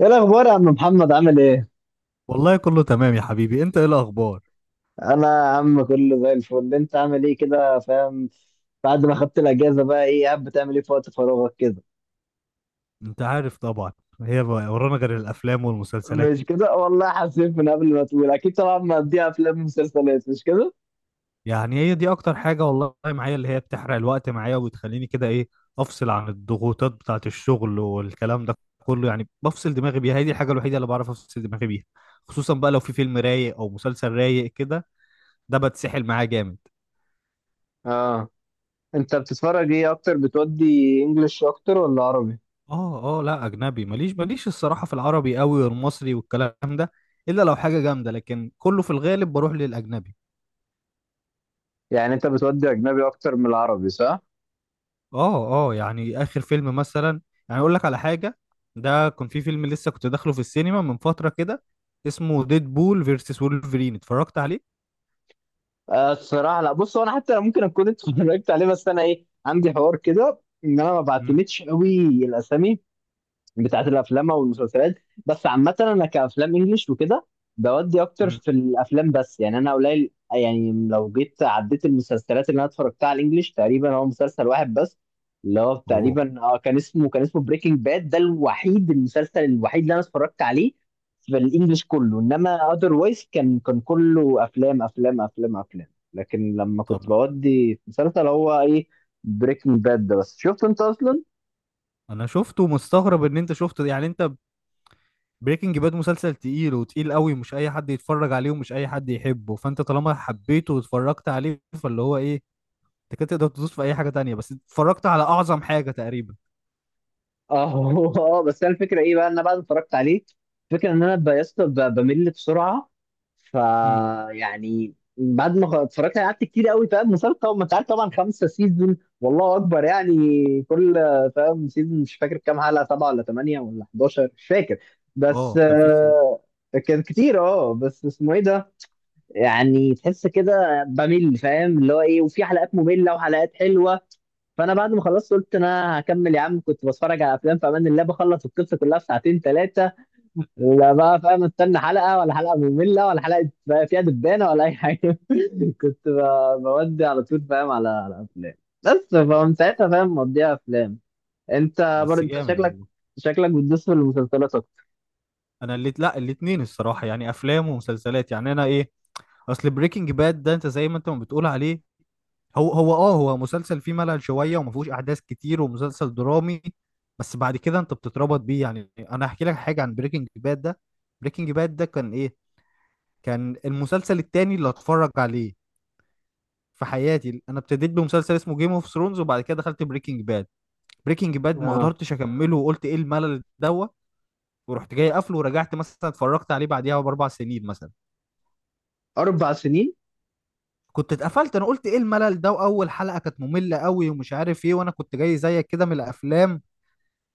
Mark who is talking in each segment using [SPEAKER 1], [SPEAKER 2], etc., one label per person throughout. [SPEAKER 1] ايه الاخبار يا عم محمد؟ عامل ايه؟
[SPEAKER 2] والله كله تمام يا حبيبي. انت ايه الاخبار؟
[SPEAKER 1] انا يا عم كله زي الفل. انت عامل ايه كده، فاهم؟ بعد ما خدت الاجازه بقى، ايه قاعد بتعمل ايه في وقت فراغك كده؟
[SPEAKER 2] انت عارف طبعا. هي بقى ورانا غير الافلام والمسلسلات.
[SPEAKER 1] مش كده والله، حاسين من قبل ما تقول اكيد طبعا مقضيها افلام ومسلسلات، مش كده؟
[SPEAKER 2] يعني هي دي اكتر حاجة والله معايا، اللي هي بتحرق الوقت معايا وبتخليني كده ايه، افصل عن الضغوطات بتاعة الشغل والكلام ده كله. يعني بفصل دماغي بيها، هي دي الحاجة الوحيدة اللي بعرف افصل دماغي بيها. خصوصا بقى لو في فيلم رايق او مسلسل رايق كده، ده بتسحل معاه جامد.
[SPEAKER 1] اه. انت بتتفرج ايه اكتر، بتودي انجلش اكتر ولا عربي؟
[SPEAKER 2] اه اه، لا اجنبي، ماليش ماليش الصراحة في العربي قوي والمصري والكلام ده، الا لو حاجة جامدة، لكن كله في الغالب بروح للاجنبي.
[SPEAKER 1] يعني انت بتودي اجنبي اكتر من العربي، صح؟
[SPEAKER 2] اه اه، يعني اخر فيلم مثلا، يعني اقول لك على حاجه، ده كان في فيلم لسه كنت داخله في السينما من فتره كده، اسمه ديد بول فيرسس وولفرين، اتفرجت عليه.
[SPEAKER 1] آه الصراحه، لا بص، هو انا حتى ممكن اكون اتفرجت عليه، بس انا ايه، عندي حوار كده ان انا ما
[SPEAKER 2] امم.
[SPEAKER 1] بعتمدش قوي الاسامي بتاعت الافلام او المسلسلات. بس عامه انا كافلام انجليش وكده بودي اكتر
[SPEAKER 2] امم.
[SPEAKER 1] في الافلام، بس يعني انا قليل. يعني لو جيت عديت المسلسلات اللي انا اتفرجتها على الانجليش تقريبا هو مسلسل واحد بس. اللي هو
[SPEAKER 2] اوه.
[SPEAKER 1] تقريبا كان اسمه بريكنج باد. ده الوحيد، المسلسل الوحيد اللي انا اتفرجت عليه في الانجليش كله. انما اذروايز كان كله افلام افلام افلام افلام. لكن لما
[SPEAKER 2] طب
[SPEAKER 1] كنت بودي في مسلسل، هو ايه، بريكنج باد ده. بس شفت انت اصلا؟
[SPEAKER 2] انا شفته، مستغرب ان انت شفته، يعني انت. بريكنج باد مسلسل تقيل وتقيل قوي، مش اي حد يتفرج عليه ومش اي حد يحبه، فانت طالما حبيته واتفرجت عليه فاللي هو ايه، انت كده تقدر تدوس في اي حاجه تانية، بس اتفرجت على اعظم حاجه تقريبا.
[SPEAKER 1] اه. اه بس انا الفكره ايه بقى، ان انا بعد ما اتفرجت عليه، الفكره ان انا يا اسطى بمل بسرعه. ف
[SPEAKER 2] امم.
[SPEAKER 1] يعني بعد ما اتفرجت عليه قعدت كتير قوي، فاهم؟ مسلسل طبعا، ما انت عارف طبعا، 5 سيزون، والله اكبر يعني. كل، فاهم، سيزون، مش فاكر كام حلقه، سبعه ولا ثمانيه ولا 11، مش فاكر. بس
[SPEAKER 2] اه
[SPEAKER 1] كان كتير. اه بس اسمه ايه ده، يعني تحس كده بمل، فاهم اللي هو ايه، وفي حلقات ممله وحلقات حلوه. فانا بعد ما خلصت قلت انا هكمل، يا عم كنت بتفرج على افلام في امان الله، بخلص القصه كلها في ساعتين ثلاثه. لا بقى، فاهم، استنى حلقه، ولا حلقه ممله، ولا حلقه بقى فيها دبانه ولا اي حاجه. كنت بودي على طول، فاهم، على افلام. بس فمن ساعتها، فاهم، مضيع افلام. انت برضه،
[SPEAKER 2] بس
[SPEAKER 1] انت
[SPEAKER 2] جامد
[SPEAKER 1] شكلك،
[SPEAKER 2] والله.
[SPEAKER 1] شكلك بتدوس في المسلسلات اكتر.
[SPEAKER 2] انا اللي لا، الاتنين الصراحه، يعني افلام ومسلسلات، يعني انا ايه، اصل بريكنج باد ده انت زي ما انت ما بتقول عليه، هو مسلسل فيه ملل شويه وما فيهوش احداث كتير ومسلسل درامي، بس بعد كده انت بتتربط بيه. يعني انا هحكي لك حاجه عن بريكنج باد ده. بريكنج باد ده كان المسلسل التاني اللي اتفرج عليه في حياتي. انا ابتديت بمسلسل اسمه جيم اوف ثرونز، وبعد كده دخلت بريكنج باد. بريكنج باد ما
[SPEAKER 1] اه،
[SPEAKER 2] قدرتش اكمله وقلت ايه الملل دوت، ورحت جاي قافله، ورجعت مثلا اتفرجت عليه بعديها ب4 سنين مثلا.
[SPEAKER 1] 4 سنين.
[SPEAKER 2] كنت اتقفلت، انا قلت ايه الملل ده، واول حلقه كانت ممله قوي ومش عارف ايه، وانا كنت جاي زيك كده من الافلام،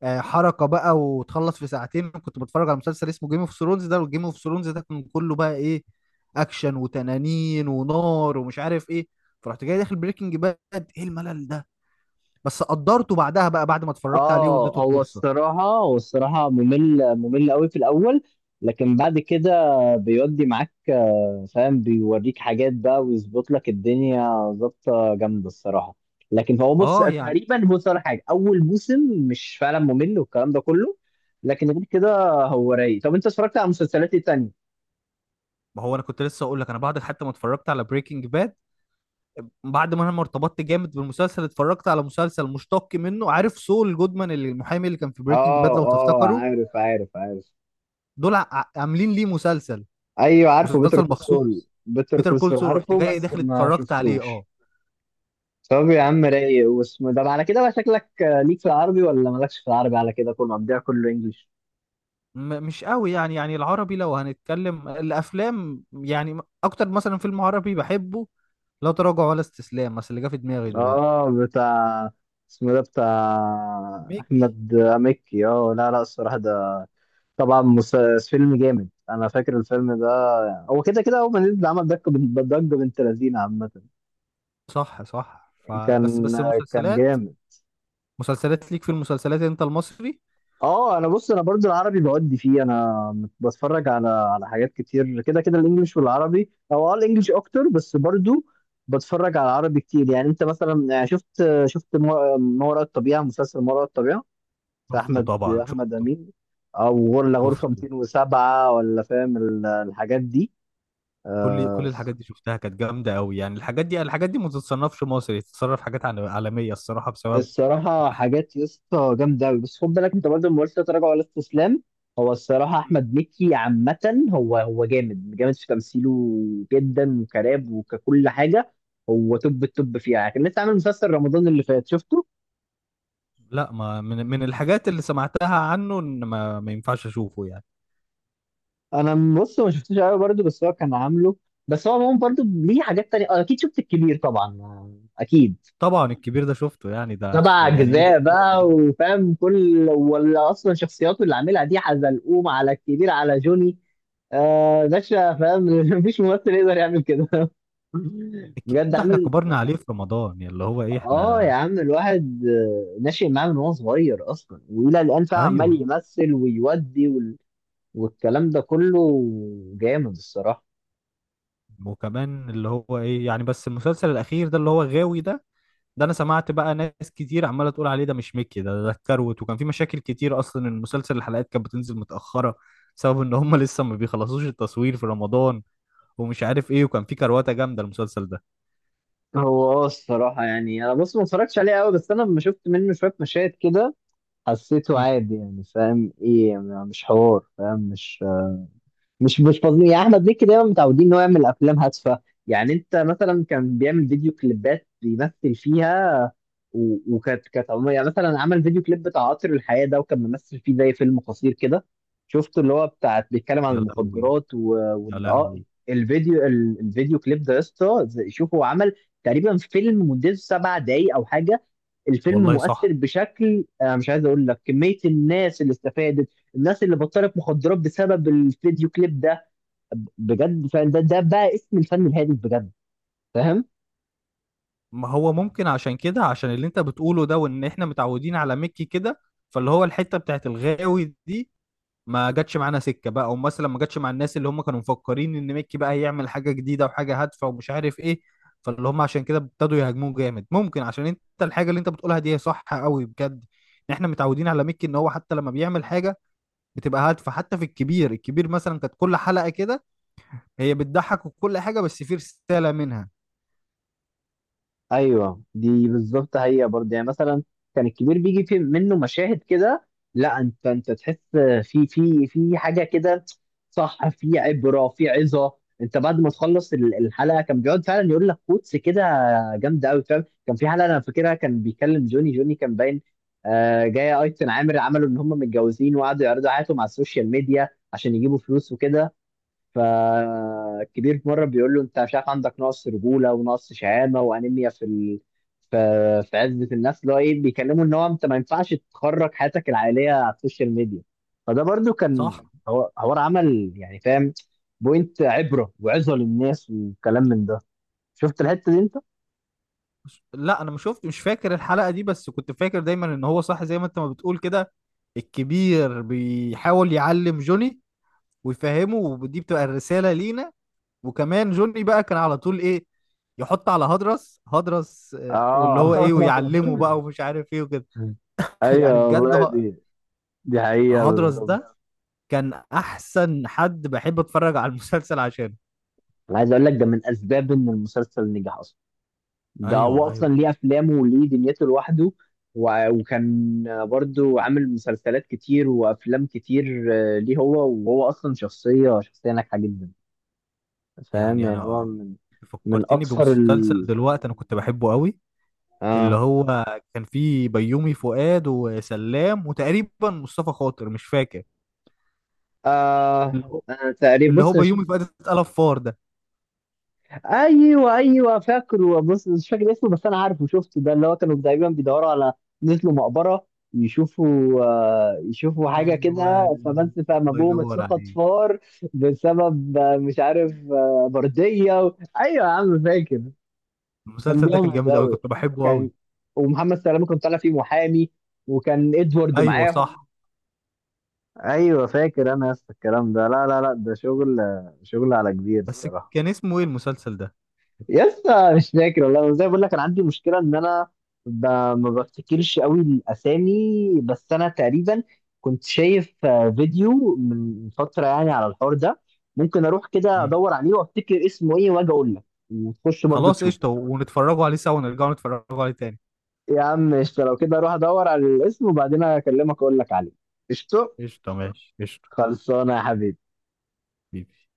[SPEAKER 2] آه، حركه بقى وتخلص في ساعتين. كنت بتفرج على مسلسل اسمه جيم اوف ثرونز ده، والجيم اوف ثرونز ده كان كله بقى ايه اكشن وتنانين ونار ومش عارف ايه. فرحت جاي داخل بريكنج باد، ايه الملل ده، بس قدرته بعدها بقى بعد ما اتفرجت عليه واديته
[SPEAKER 1] اه، هو
[SPEAKER 2] الفرصه.
[SPEAKER 1] الصراحة، ممل، ممل قوي في الأول، لكن بعد كده بيودي معاك. فاهم، بيوريك حاجات بقى ويظبط لك الدنيا. ظابطة جامدة الصراحة. لكن هو بص
[SPEAKER 2] اه يعني.
[SPEAKER 1] تقريبا، بص على حاجة أول موسم، مش فعلا ممل والكلام ده كله. لكن غير كده هو رايق. طب أنت اتفرجت على مسلسلات إيه تانية؟
[SPEAKER 2] ما هو انا كنت لسه اقول لك، انا بعد حتى ما اتفرجت على بريكنج باد، بعد ما انا ما ارتبطت جامد بالمسلسل، اتفرجت على مسلسل مشتق منه، عارف سول جودمان اللي المحامي اللي كان في بريكنج
[SPEAKER 1] اه،
[SPEAKER 2] باد لو
[SPEAKER 1] اه،
[SPEAKER 2] تفتكروا،
[SPEAKER 1] عارف، عارف، عارف.
[SPEAKER 2] عاملين ليه مسلسل.
[SPEAKER 1] أيوه عارفه، بيتر
[SPEAKER 2] مسلسل
[SPEAKER 1] كول سول،
[SPEAKER 2] مخصوص.
[SPEAKER 1] بيتر
[SPEAKER 2] بيتر
[SPEAKER 1] كول
[SPEAKER 2] كول
[SPEAKER 1] سول،
[SPEAKER 2] سول رحت
[SPEAKER 1] عارفه
[SPEAKER 2] جاي
[SPEAKER 1] بس
[SPEAKER 2] داخل
[SPEAKER 1] ما
[SPEAKER 2] اتفرجت عليه. اه
[SPEAKER 1] شفتوش. طب يا عم رايق، واسمه ده. على كده بقى شكلك ليك في العربي ولا مالكش في العربي؟ على كده كله مضيع، كله انجليش.
[SPEAKER 2] مش قوي يعني العربي لو هنتكلم الافلام يعني، اكتر مثلا فيلم عربي بحبه لا تراجع ولا استسلام، بس اللي جه في دماغي دلوقتي.
[SPEAKER 1] اه، بتاع، اسمه ده بتاع
[SPEAKER 2] ميك
[SPEAKER 1] احمد مكي. اه، لا، لا، الصراحه ده طبعا فيلم جامد. انا فاكر الفيلم ده، هو كده كده اول ما نزل عمل ضجه، ضجه بنت لذينه عامه.
[SPEAKER 2] صح صح. فبس
[SPEAKER 1] كان،
[SPEAKER 2] بس
[SPEAKER 1] كان
[SPEAKER 2] المسلسلات،
[SPEAKER 1] جامد.
[SPEAKER 2] مسلسلات ليك في المسلسلات انت المصري؟
[SPEAKER 1] اه، انا بص، انا برضو العربي بودي فيه. انا بتفرج على حاجات كتير كده كده، الانجليش والعربي، او الانجليش اكتر، بس برضو بتفرج على العربي كتير. يعني انت مثلا، يعني شفت ما وراء الطبيعة، مسلسل ما وراء الطبيعة، في
[SPEAKER 2] شفته
[SPEAKER 1] احمد،
[SPEAKER 2] طبعا،
[SPEAKER 1] احمد
[SPEAKER 2] شفته،
[SPEAKER 1] امين، او غرفة
[SPEAKER 2] شفته.
[SPEAKER 1] 207، ولا فاهم الحاجات دي؟
[SPEAKER 2] كل
[SPEAKER 1] آه،
[SPEAKER 2] الحاجات دي شفتها كانت جامده قوي. يعني الحاجات دي الحاجات دي ما تتصنفش مصري، تتصنف حاجات عالميه الصراحه بسبب.
[SPEAKER 1] الصراحة حاجات يا اسطى جامدة أوي. بس خد بالك أنت برضه ما قلتش لا تراجع ولا استسلام. هو الصراحة أحمد مكي عامة، هو جامد، جامد في تمثيله جدا، وكراب، وككل حاجة. هو توب التوب فيها يعني. كان لسه عامل مسلسل رمضان اللي فات، شفته؟
[SPEAKER 2] لا، ما من الحاجات اللي سمعتها عنه ان ما ينفعش اشوفه يعني.
[SPEAKER 1] أنا بص ما شفتوش أوي برضه، بس هو كان عامله. بس هو عموما برضه ليه حاجات تانية. أكيد شفت الكبير طبعا. أكيد،
[SPEAKER 2] طبعا الكبير ده شفته يعني، ده
[SPEAKER 1] سبع
[SPEAKER 2] يعني ايه، كان
[SPEAKER 1] أجزاء
[SPEAKER 2] كله
[SPEAKER 1] بقى،
[SPEAKER 2] رمضان.
[SPEAKER 1] وفاهم كل، ولا أصلا شخصياته اللي عاملها دي، حزلقوم، على الكبير، على جوني، آه باشا، فاهم؟ مفيش ممثل يقدر يعمل كده.
[SPEAKER 2] الكبير
[SPEAKER 1] بجد
[SPEAKER 2] ده احنا
[SPEAKER 1] عامل.
[SPEAKER 2] كبرنا عليه في رمضان، يعني اللي هو ايه
[SPEAKER 1] اه يا
[SPEAKER 2] احنا.
[SPEAKER 1] عم، الواحد ناشئ معاه من وهو صغير اصلا، والى الان فعلا
[SPEAKER 2] ايوه.
[SPEAKER 1] عمال يمثل ويودي وال... والكلام ده كله. جامد الصراحه.
[SPEAKER 2] وكمان اللي هو ايه، يعني بس المسلسل الاخير ده اللي هو غاوي ده، ده انا سمعت بقى ناس كتير عماله تقول عليه ده مش ميكي، ده اتكروت، وكان في مشاكل كتير اصلا المسلسل، الحلقات كانت بتنزل متاخره بسبب ان هم لسه ما بيخلصوش التصوير في رمضان ومش عارف ايه، وكان في كرواته جامده المسلسل ده.
[SPEAKER 1] هو، الصراحه يعني، انا بص ما اتفرجتش عليه قوي، بس انا لما شفت منه شويه مشاهد كده حسيته
[SPEAKER 2] مم.
[SPEAKER 1] عادي. يعني فاهم ايه، مش حوار فاهم، مش فاضيين. يعني احمد مكي دايما متعودين ان هو يعمل افلام هادفه. يعني انت مثلا، كان بيعمل فيديو كليبات بيمثل فيها. وكانت عموما يعني. مثلا عمل فيديو كليب بتاع قطر الحياة ده، وكان ممثل فيه زي فيلم قصير كده. شفته؟ اللي هو بتاع بيتكلم عن
[SPEAKER 2] يا لهوي.
[SPEAKER 1] المخدرات و...
[SPEAKER 2] يا
[SPEAKER 1] وان
[SPEAKER 2] لهوي.
[SPEAKER 1] الفيديو، الفيديو كليب ده، يا اسطى شوف، هو عمل تقريبا فيلم مدته 7 دقايق او حاجة. الفيلم
[SPEAKER 2] والله صح.
[SPEAKER 1] مؤثر بشكل انا مش عايز اقول لك كمية الناس اللي استفادت، الناس اللي بطلت مخدرات بسبب الفيديو كليب ده بجد. فده بقى اسم الفن الهادف بجد، فاهم.
[SPEAKER 2] ما هو ممكن عشان كده، عشان اللي انت بتقوله ده، وان احنا متعودين على ميكي كده، فاللي هو الحته بتاعت الغاوي دي ما جاتش معانا سكه بقى، او مثلا ما جاتش مع الناس اللي هم كانوا مفكرين ان ميكي بقى هيعمل حاجه جديده وحاجه هادفه ومش عارف ايه، فاللي هم عشان كده ابتدوا يهاجموه جامد. ممكن عشان انت الحاجه اللي انت بتقولها دي هي صح قوي بجد، ان احنا متعودين على ميكي ان هو حتى لما بيعمل حاجه بتبقى هادفه، حتى في الكبير. الكبير مثلا كانت كل حلقه كده هي بتضحك وكل حاجه، بس في رساله منها.
[SPEAKER 1] ايوه دي بالظبط، هي برضه، يعني مثلا كان الكبير بيجي في منه مشاهد كده، لا انت تحس في حاجه كده، صح، في عبره، في عظه. انت بعد ما تخلص الحلقه، كان بيقعد فعلا يقول لك كوتس كده جامده قوي، فاهم. كان في حلقه انا فاكرها كان بيكلم جوني، جوني كان باين جايه ايتن عامر، عملوا ان هم متجوزين، وقعدوا يعرضوا حياتهم على السوشيال ميديا عشان يجيبوا فلوس وكده. فالكبير في مره بيقول له انت مش عارف، عندك نقص رجوله، ونقص شهامه، وانيميا في ال... في، عزه الناس، اللي هو ايه، بيكلمه ان هو انت ما ينفعش تخرج حياتك العائليه على السوشيال ميديا. فده برضو كان،
[SPEAKER 2] صح.
[SPEAKER 1] هو عمل يعني، فاهم، بوينت، عبره وعظه للناس والكلام من ده. شفت الحته دي انت؟
[SPEAKER 2] لا انا ما شفت، مش فاكر الحلقه دي، بس كنت فاكر دايما ان هو صح زي ما انت ما بتقول كده، الكبير بيحاول يعلم جوني ويفهمه، ودي بتبقى الرسالة لينا. وكمان جوني بقى كان على طول ايه يحط على هدرس هدرس، آه، واللي
[SPEAKER 1] اه.
[SPEAKER 2] هو ايه ويعلمه بقى ومش عارف ايه وكده. يعني
[SPEAKER 1] ايوه
[SPEAKER 2] بجد
[SPEAKER 1] والله، دي، دي حقيقه
[SPEAKER 2] هدرس
[SPEAKER 1] بالظبط.
[SPEAKER 2] ده كان احسن حد بحب اتفرج على المسلسل عشانه.
[SPEAKER 1] انا عايز اقول لك ده من اسباب ان المسلسل نجح اصلا. ده هو
[SPEAKER 2] ايوه ايوه.
[SPEAKER 1] اصلا ليه افلامه وليه دنيته لوحده. وكان برضو عامل مسلسلات كتير وافلام كتير. ليه هو، وهو اصلا شخصيه ناجحه جدا، فاهم.
[SPEAKER 2] يعني
[SPEAKER 1] يعني هو
[SPEAKER 2] انا
[SPEAKER 1] من، من
[SPEAKER 2] فكرتني
[SPEAKER 1] اكثر
[SPEAKER 2] بمسلسل
[SPEAKER 1] ال،
[SPEAKER 2] دلوقتي انا كنت بحبه قوي، اللي
[SPEAKER 1] اه.
[SPEAKER 2] هو كان فيه بيومي فؤاد وسلام وتقريبا مصطفى خاطر مش فاكر، اللي
[SPEAKER 1] آه
[SPEAKER 2] هو
[SPEAKER 1] أنا تقريبا
[SPEAKER 2] اللي هو
[SPEAKER 1] بص أنا
[SPEAKER 2] بيومي
[SPEAKER 1] شفت.
[SPEAKER 2] فؤاد اتقلب فار ده.
[SPEAKER 1] ايوه، ايوه، فاكره، بص مش فاكر اسمه، بس انا عارفه شفته. ده اللي هو كانوا دايما بيدوروا على، نزلوا مقبره يشوفوا حاجه
[SPEAKER 2] ايوه،
[SPEAKER 1] كده، فبس فقام
[SPEAKER 2] الله
[SPEAKER 1] ابوهم
[SPEAKER 2] ينور
[SPEAKER 1] اتسقط
[SPEAKER 2] عليك.
[SPEAKER 1] فار. بسبب مش عارف برديه و... ايوه يا عم فاكر. كان
[SPEAKER 2] المسلسل ده كان
[SPEAKER 1] جامد
[SPEAKER 2] جامد قوي
[SPEAKER 1] قوي،
[SPEAKER 2] كنت بحبه قوي.
[SPEAKER 1] كان، ومحمد سلامه كان طالع فيه محامي، وكان ادوارد
[SPEAKER 2] ايوه
[SPEAKER 1] معاهم.
[SPEAKER 2] صح.
[SPEAKER 1] ايوه فاكر انا. يا اسطى الكلام ده لا، لا، لا، ده شغل، شغل على كبير
[SPEAKER 2] بس
[SPEAKER 1] الصراحه.
[SPEAKER 2] كان اسمه ايه المسلسل ده؟
[SPEAKER 1] يا اسطى مش فاكر والله، زي ما بقول لك، انا عندي مشكله ان انا ما بفتكرش قوي الاسامي. بس انا تقريبا كنت شايف فيديو من فتره يعني على الحوار ده. ممكن اروح كده
[SPEAKER 2] مم.
[SPEAKER 1] ادور عليه وافتكر اسمه ايه واجي اقول لك، وتخش برضو
[SPEAKER 2] خلاص قشطه،
[SPEAKER 1] تشوف.
[SPEAKER 2] ونتفرجوا عليه سوا، ونرجعوا نتفرجوا عليه تاني.
[SPEAKER 1] يا عم قشطه، لو كده اروح ادور على الاسم وبعدين اكلمك اقول لك عليه. قشطه.
[SPEAKER 2] قشطه ماشي قشطه.
[SPEAKER 1] خلصانه يا حبيبي.
[SPEAKER 2] حبيبي.